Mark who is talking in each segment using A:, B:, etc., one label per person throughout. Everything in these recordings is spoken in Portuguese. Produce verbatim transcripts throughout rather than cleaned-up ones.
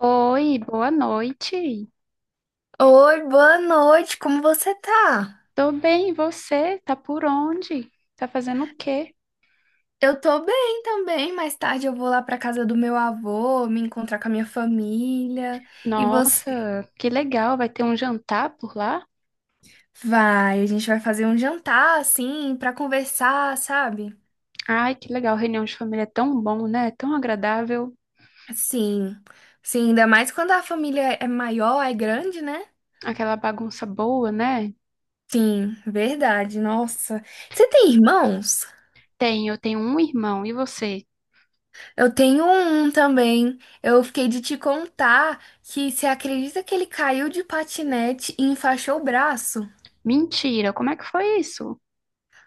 A: Oi, boa noite.
B: Oi, boa noite, como você tá?
A: Tô bem, e você? Tá por onde? Tá fazendo o quê?
B: Eu tô bem também. Mais tarde eu vou lá pra casa do meu avô, me encontrar com a minha família. E você
A: Nossa, que legal, vai ter um jantar por lá?
B: vai, a gente vai fazer um jantar assim pra conversar, sabe?
A: Ai, que legal, reunião de família é tão bom, né? Tão agradável,
B: Sim. Sim, ainda mais quando a família é maior, é grande, né?
A: aquela bagunça boa, né?
B: Sim, verdade. Nossa. Você tem irmãos?
A: Tem, eu tenho um irmão, e você?
B: Eu tenho um também. Eu fiquei de te contar que você acredita que ele caiu de patinete e enfaixou o braço?
A: Mentira, como é que foi isso?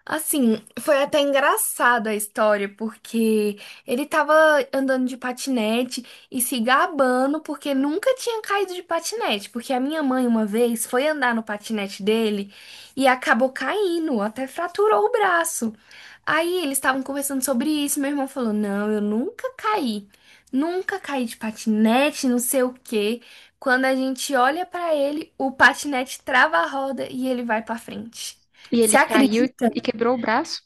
B: Assim, foi até engraçada a história, porque ele tava andando de patinete e se gabando porque nunca tinha caído de patinete. Porque a minha mãe, uma vez, foi andar no patinete dele e acabou caindo, até fraturou o braço. Aí eles estavam conversando sobre isso. Meu irmão falou: Não, eu nunca caí, nunca caí de patinete, não sei o quê. Quando a gente olha pra ele, o patinete trava a roda e ele vai pra frente.
A: E ele
B: Você
A: caiu
B: acredita?
A: e quebrou o braço?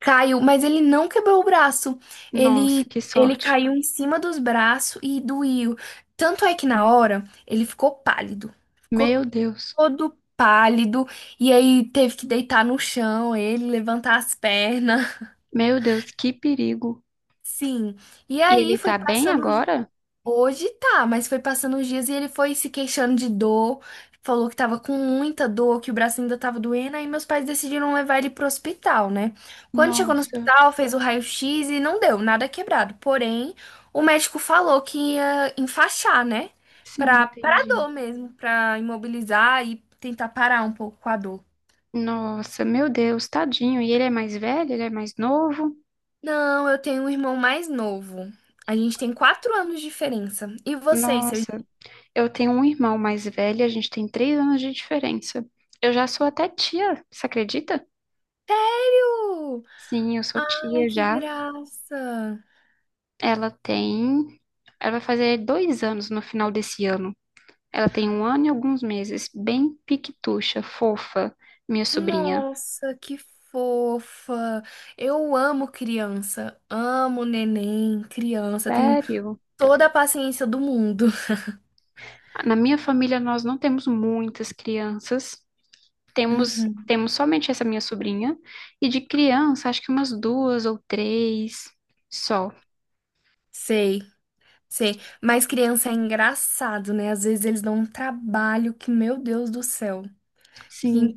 B: Caiu, mas ele não quebrou o braço.
A: Nossa,
B: Ele,
A: que
B: ele
A: sorte.
B: caiu em cima dos braços e doía. Tanto é que na hora ele ficou pálido. Ficou
A: Meu Deus,
B: todo pálido. E aí teve que deitar no chão, ele levantar as pernas.
A: meu Deus, que perigo.
B: Sim. E
A: E
B: aí
A: ele
B: foi
A: tá bem
B: passando.
A: agora?
B: Hoje tá, mas foi passando os dias e ele foi se queixando de dor, falou que tava com muita dor, que o braço ainda tava doendo, aí meus pais decidiram levar ele pro hospital, né? Quando chegou no
A: Nossa,
B: hospital, fez o raio-x e não deu, nada quebrado. Porém, o médico falou que ia enfaixar, né?
A: sim,
B: Pra, pra
A: entendi.
B: dor mesmo, pra imobilizar e tentar parar um pouco com a dor.
A: Nossa, meu Deus, tadinho. E ele é mais velho? Ele é mais novo?
B: Não, eu tenho um irmão mais novo. A gente tem quatro anos de diferença. E vocês, seu irmão?
A: Nossa, eu tenho um irmão mais velho, a gente tem três anos de diferença. Eu já sou até tia, você acredita?
B: Sério?
A: Sim, eu sou
B: Ai,
A: tia
B: que
A: já.
B: graça!
A: Ela tem. Ela vai fazer dois anos no final desse ano. Ela tem um ano e alguns meses. Bem piquitucha, fofa, minha sobrinha.
B: Nossa, que fofa! Eu amo criança, amo neném, criança, tenho
A: Sério?
B: toda a paciência do mundo.
A: Na minha família, nós não temos muitas crianças. Temos,
B: Uhum.
A: temos somente essa minha sobrinha. E de criança, acho que umas duas ou três só.
B: Sei, sei. Mas criança é engraçado, né? Às vezes eles dão um trabalho que, meu Deus do céu, fica
A: Sim.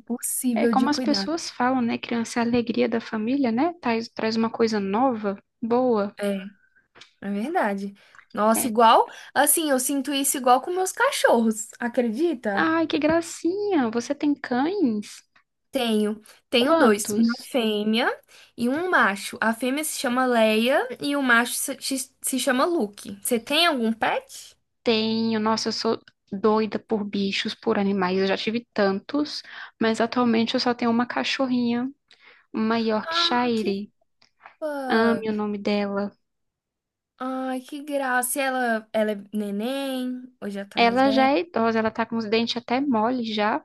A: É como
B: de
A: as
B: cuidar.
A: pessoas falam, né? Criança é a alegria da família, né? Traz, traz uma coisa nova, boa.
B: É, é verdade. Nossa,
A: É.
B: igual, assim, eu sinto isso igual com meus cachorros, acredita?
A: Ai, que gracinha! Você tem cães?
B: Tenho. Tenho dois, uma
A: Quantos?
B: fêmea e um macho. A fêmea se chama Leia e o macho se, se- se chama Luke. Você tem algum pet?
A: Tenho. Nossa, eu sou doida por bichos, por animais. Eu já tive tantos, mas atualmente eu só tenho uma cachorrinha, uma
B: Ah, que
A: Yorkshire.
B: fã!
A: Ame o nome dela.
B: Ai, que graça! E ela, ela é neném, hoje ela tá mais
A: Ela já
B: velha.
A: é idosa, ela tá com os dentes até mole já,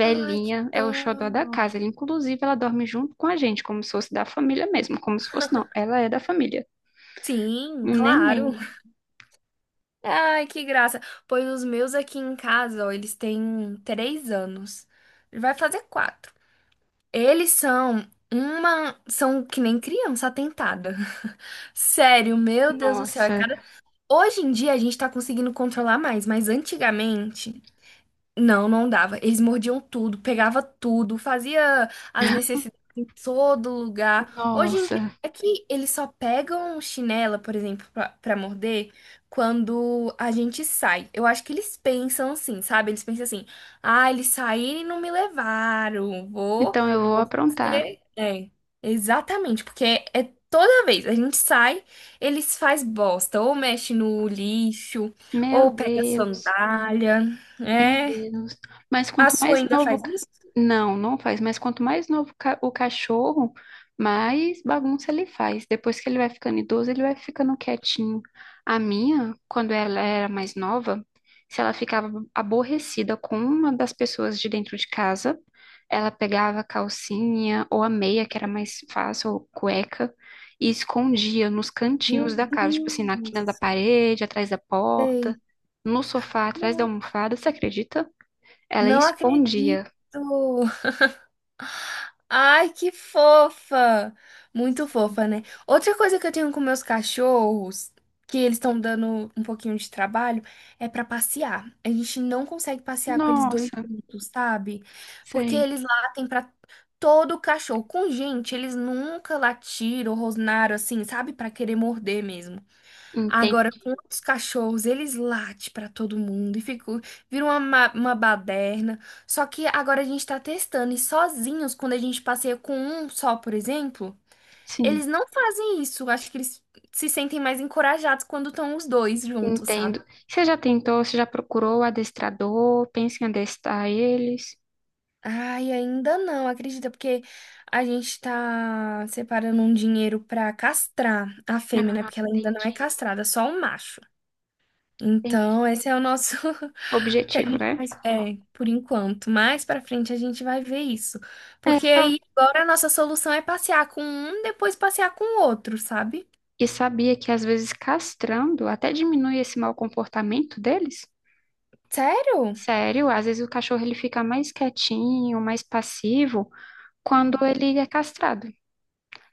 B: Ai, que
A: é o xodó da
B: dó!
A: casa. Inclusive, ela dorme junto com a gente, como se fosse da família mesmo, como se fosse não, ela é da família.
B: Sim,
A: Um neném.
B: claro! Ai, que graça! Pois os meus aqui em casa, ó, eles têm três anos. Vai fazer quatro. Eles são uma. São que nem criança atentada. Sério, meu Deus do céu. É
A: Nossa,
B: cada... Hoje em dia a gente tá conseguindo controlar mais, mas antigamente não, não dava. Eles mordiam tudo, pegava tudo, fazia as necessidades em todo lugar. Hoje em dia
A: nossa.
B: é que eles só pegam chinela, por exemplo, pra, pra morder quando a gente sai. Eu acho que eles pensam assim, sabe? Eles pensam assim: "Ah, eles saíram e não me levaram. Vou,
A: Então eu vou
B: vou
A: aprontar.
B: fazer". É, exatamente, porque é toda vez a gente sai, eles faz bosta, ou mexe no lixo, ou
A: Meu
B: pega
A: Deus.
B: sandália.
A: Meu
B: É
A: Deus. Mas
B: a
A: quanto
B: sua
A: mais
B: ainda
A: novo, o
B: faz
A: ca-
B: isso?
A: Não, não faz. Mas quanto mais novo o ca- o cachorro, mais bagunça ele faz. Depois que ele vai ficando idoso, ele vai ficando quietinho. A minha, quando ela era mais nova, se ela ficava aborrecida com uma das pessoas de dentro de casa, ela pegava a calcinha ou a meia, que era mais fácil, ou cueca, e escondia nos cantinhos
B: Meu
A: da casa, tipo assim, na quina da
B: Deus,
A: parede, atrás da porta
B: sei.
A: no sofá, atrás da
B: Não,
A: almofada, você acredita? Ela
B: não
A: escondia.
B: acredito. Ai, que fofa! Muito fofa, né? Outra coisa que eu tenho com meus cachorros, que eles estão dando um pouquinho de trabalho, é pra passear. A gente não consegue passear com eles dois
A: Nossa,
B: juntos, sabe? Porque
A: sei.
B: eles latem pra todo cachorro. Com gente, eles nunca latiram, rosnaram assim, sabe? Pra querer morder mesmo.
A: Entendo.
B: Agora, com os cachorros, eles latem pra todo mundo e ficou, vira uma, ma- uma baderna. Só que agora a gente tá testando e sozinhos, quando a gente passeia com um só, por exemplo,
A: Sim.
B: eles não fazem isso. Acho que eles se sentem mais encorajados quando estão os dois juntos, sabe?
A: Entendo. Você já tentou, você já procurou o adestrador, pensa em adestrar eles?
B: Ai, ainda não, acredita, porque a gente tá separando um dinheiro pra castrar a fêmea, né?
A: Ah,
B: Porque ela ainda não é
A: entendi,
B: castrada, só o macho. Então,
A: entendi.
B: esse é o nosso. Que a
A: Objetivo,
B: gente
A: né?
B: faz, é, por enquanto. Mais pra frente a gente vai ver isso.
A: É.
B: Porque
A: tal-
B: aí agora a nossa solução é passear com um, depois passear com o outro, sabe?
A: E sabia que às vezes castrando até diminui esse mau comportamento deles?
B: Sério?
A: Sério, às vezes o cachorro ele fica mais quietinho, mais passivo
B: Hum.
A: quando ele é castrado.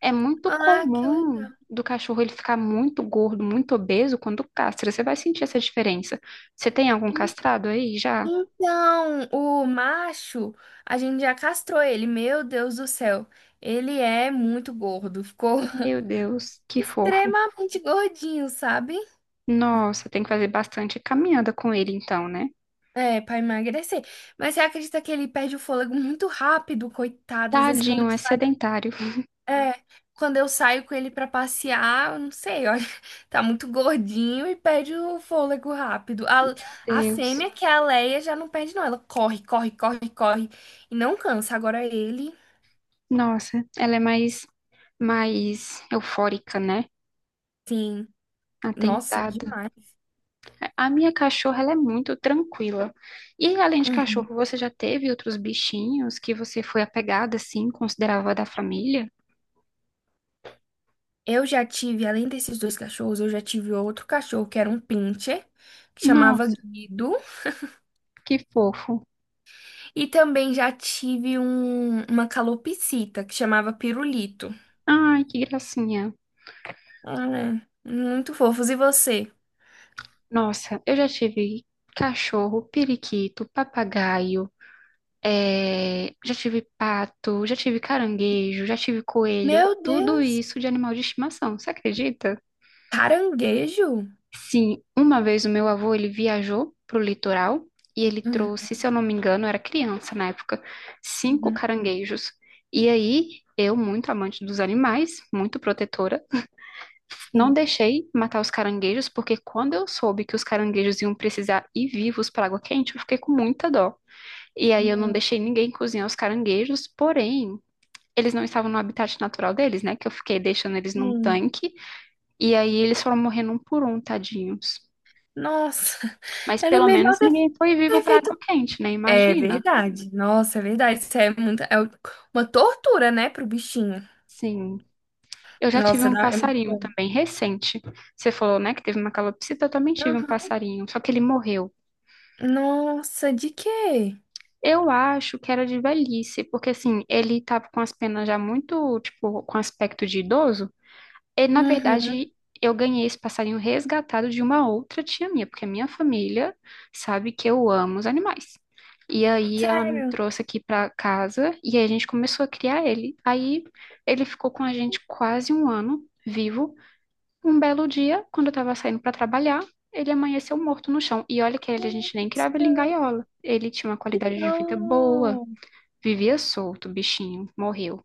A: É muito
B: Ah, que
A: comum
B: legal.
A: do cachorro ele ficar muito gordo, muito obeso quando castra. Você vai sentir essa diferença. Você tem algum castrado aí já?
B: Então, o macho, a gente já castrou ele. Meu Deus do céu. Ele é muito gordo. Ficou
A: Meu Deus, que fofo.
B: extremamente gordinho, sabe?
A: Nossa, tem que fazer bastante caminhada com ele então, né?
B: É, pra emagrecer. Mas você acredita que ele perde o fôlego muito rápido, coitado? Às vezes, quando...
A: Tadinho, é sedentário. Meu
B: É, quando eu saio com ele pra passear, eu não sei, olha, tá muito gordinho e perde o fôlego rápido. A, a
A: Deus.
B: fêmea, que é a Leia, já não perde, não. Ela corre, corre, corre, corre e não cansa. Agora ele,
A: Nossa, ela é mais, mais eufórica, né?
B: sim, nossa,
A: Atentada.
B: demais.
A: A minha cachorra, ela é muito tranquila. E além de
B: Uhum.
A: cachorro, você já teve outros bichinhos que você foi apegada, assim, considerava da família?
B: Eu já tive, além desses dois cachorros, eu já tive outro cachorro que era um pincher, que chamava
A: Nossa,
B: Guido,
A: que fofo.
B: e também já tive um, uma calopsita que chamava Pirulito.
A: Ai, que gracinha.
B: Ah, é. Muito fofos. E você?
A: Nossa, eu já tive cachorro, periquito, papagaio, é, já tive pato, já tive caranguejo, já tive coelho,
B: Meu
A: tudo
B: Deus!
A: isso de animal de estimação, você acredita?
B: Caranguejo?
A: Sim, uma vez o meu avô, ele viajou pro litoral e ele
B: Uhum,
A: trouxe, se eu não me engano, eu era criança na época, cinco
B: uhum.
A: caranguejos. E aí, eu, muito amante dos animais, muito protetora, não
B: Sim.
A: deixei matar os caranguejos, porque quando eu soube que os caranguejos iam precisar ir vivos para água quente, eu fiquei com muita dó. E aí eu não
B: Não.
A: deixei ninguém cozinhar os caranguejos, porém, eles não estavam no habitat natural deles, né? Que eu fiquei deixando eles num
B: Sim.
A: tanque, e aí eles foram morrendo um por um, tadinhos.
B: Nossa,
A: Mas
B: era
A: pelo
B: melhor
A: menos
B: ter,
A: ninguém foi vivo
B: ter
A: para água
B: feito.
A: quente, né?
B: É
A: Imagina.
B: verdade. Nossa, é verdade. Isso é muita, é uma tortura, né, pro bichinho.
A: Sim. Eu já tive
B: Nossa,
A: um
B: dá- é muito
A: passarinho
B: bom.
A: também recente. Você falou, né, que teve uma calopsita, eu também tive um
B: Uhum.
A: passarinho, só que ele morreu.
B: Nossa, de quê?
A: Eu acho que era de velhice, porque assim, ele tava com as penas já muito, tipo, com aspecto de idoso. E, na
B: Uhum.
A: verdade, eu ganhei esse passarinho resgatado de uma outra tia minha, porque a minha família sabe que eu amo os animais. E aí ela me
B: Sério?
A: trouxe aqui pra casa e aí a gente começou a criar ele. Aí ele ficou com a gente quase um ano vivo. Um belo dia, quando eu tava saindo pra trabalhar, ele amanheceu morto no chão. E olha que ele, a gente nem criava ele em gaiola. Ele tinha uma qualidade de vida boa,
B: Não.
A: vivia solto, o bichinho, morreu.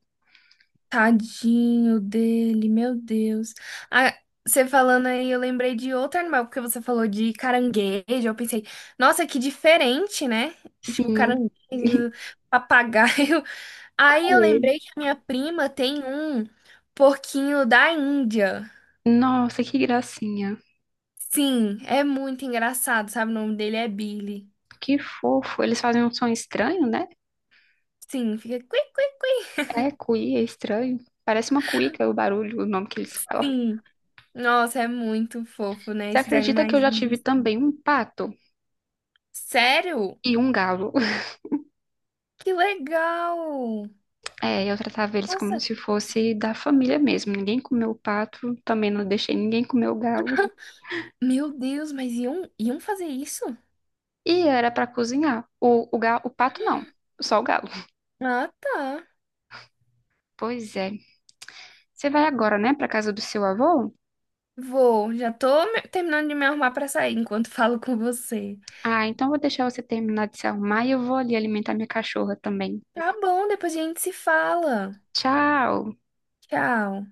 B: Tadinho dele, meu Deus. Ah, você falando aí, eu lembrei de outro animal, porque você falou de caranguejo. Eu pensei, nossa, que diferente, né? Tipo,
A: Sim,
B: caranguejo, papagaio. Aí
A: com
B: eu
A: ele.
B: lembrei que a minha prima tem um porquinho da Índia.
A: Nossa, que gracinha.
B: Sim, é muito engraçado, sabe? O nome dele é Billy.
A: Que fofo. Eles fazem um som estranho, né?
B: Sim, fica cui, cui, cui.
A: É, cuí, é estranho. Parece uma cuíca o barulho, o nome que eles falam.
B: Sim. Nossa, é muito fofo, né?
A: Você
B: Esses
A: acredita que
B: animais
A: eu já tive
B: lindos.
A: também um pato
B: Sério?
A: e um galo?
B: Que legal!
A: É, eu tratava eles como
B: Nossa,
A: se fosse da família mesmo. Ninguém comeu o pato, também não deixei ninguém comer o galo.
B: meu Deus, mas iam, iam fazer isso?
A: E era pra cozinhar. O, o, ga- o pato não, só o galo.
B: Ah, tá.
A: Pois é. Você vai agora, né, pra casa do seu avô?
B: Vou, já tô me- terminando de me arrumar pra sair enquanto falo com você.
A: Ah, então vou deixar você terminar de se arrumar e eu vou ali alimentar minha cachorra também.
B: Tá bom, depois a gente se fala.
A: Tchau!
B: Tchau.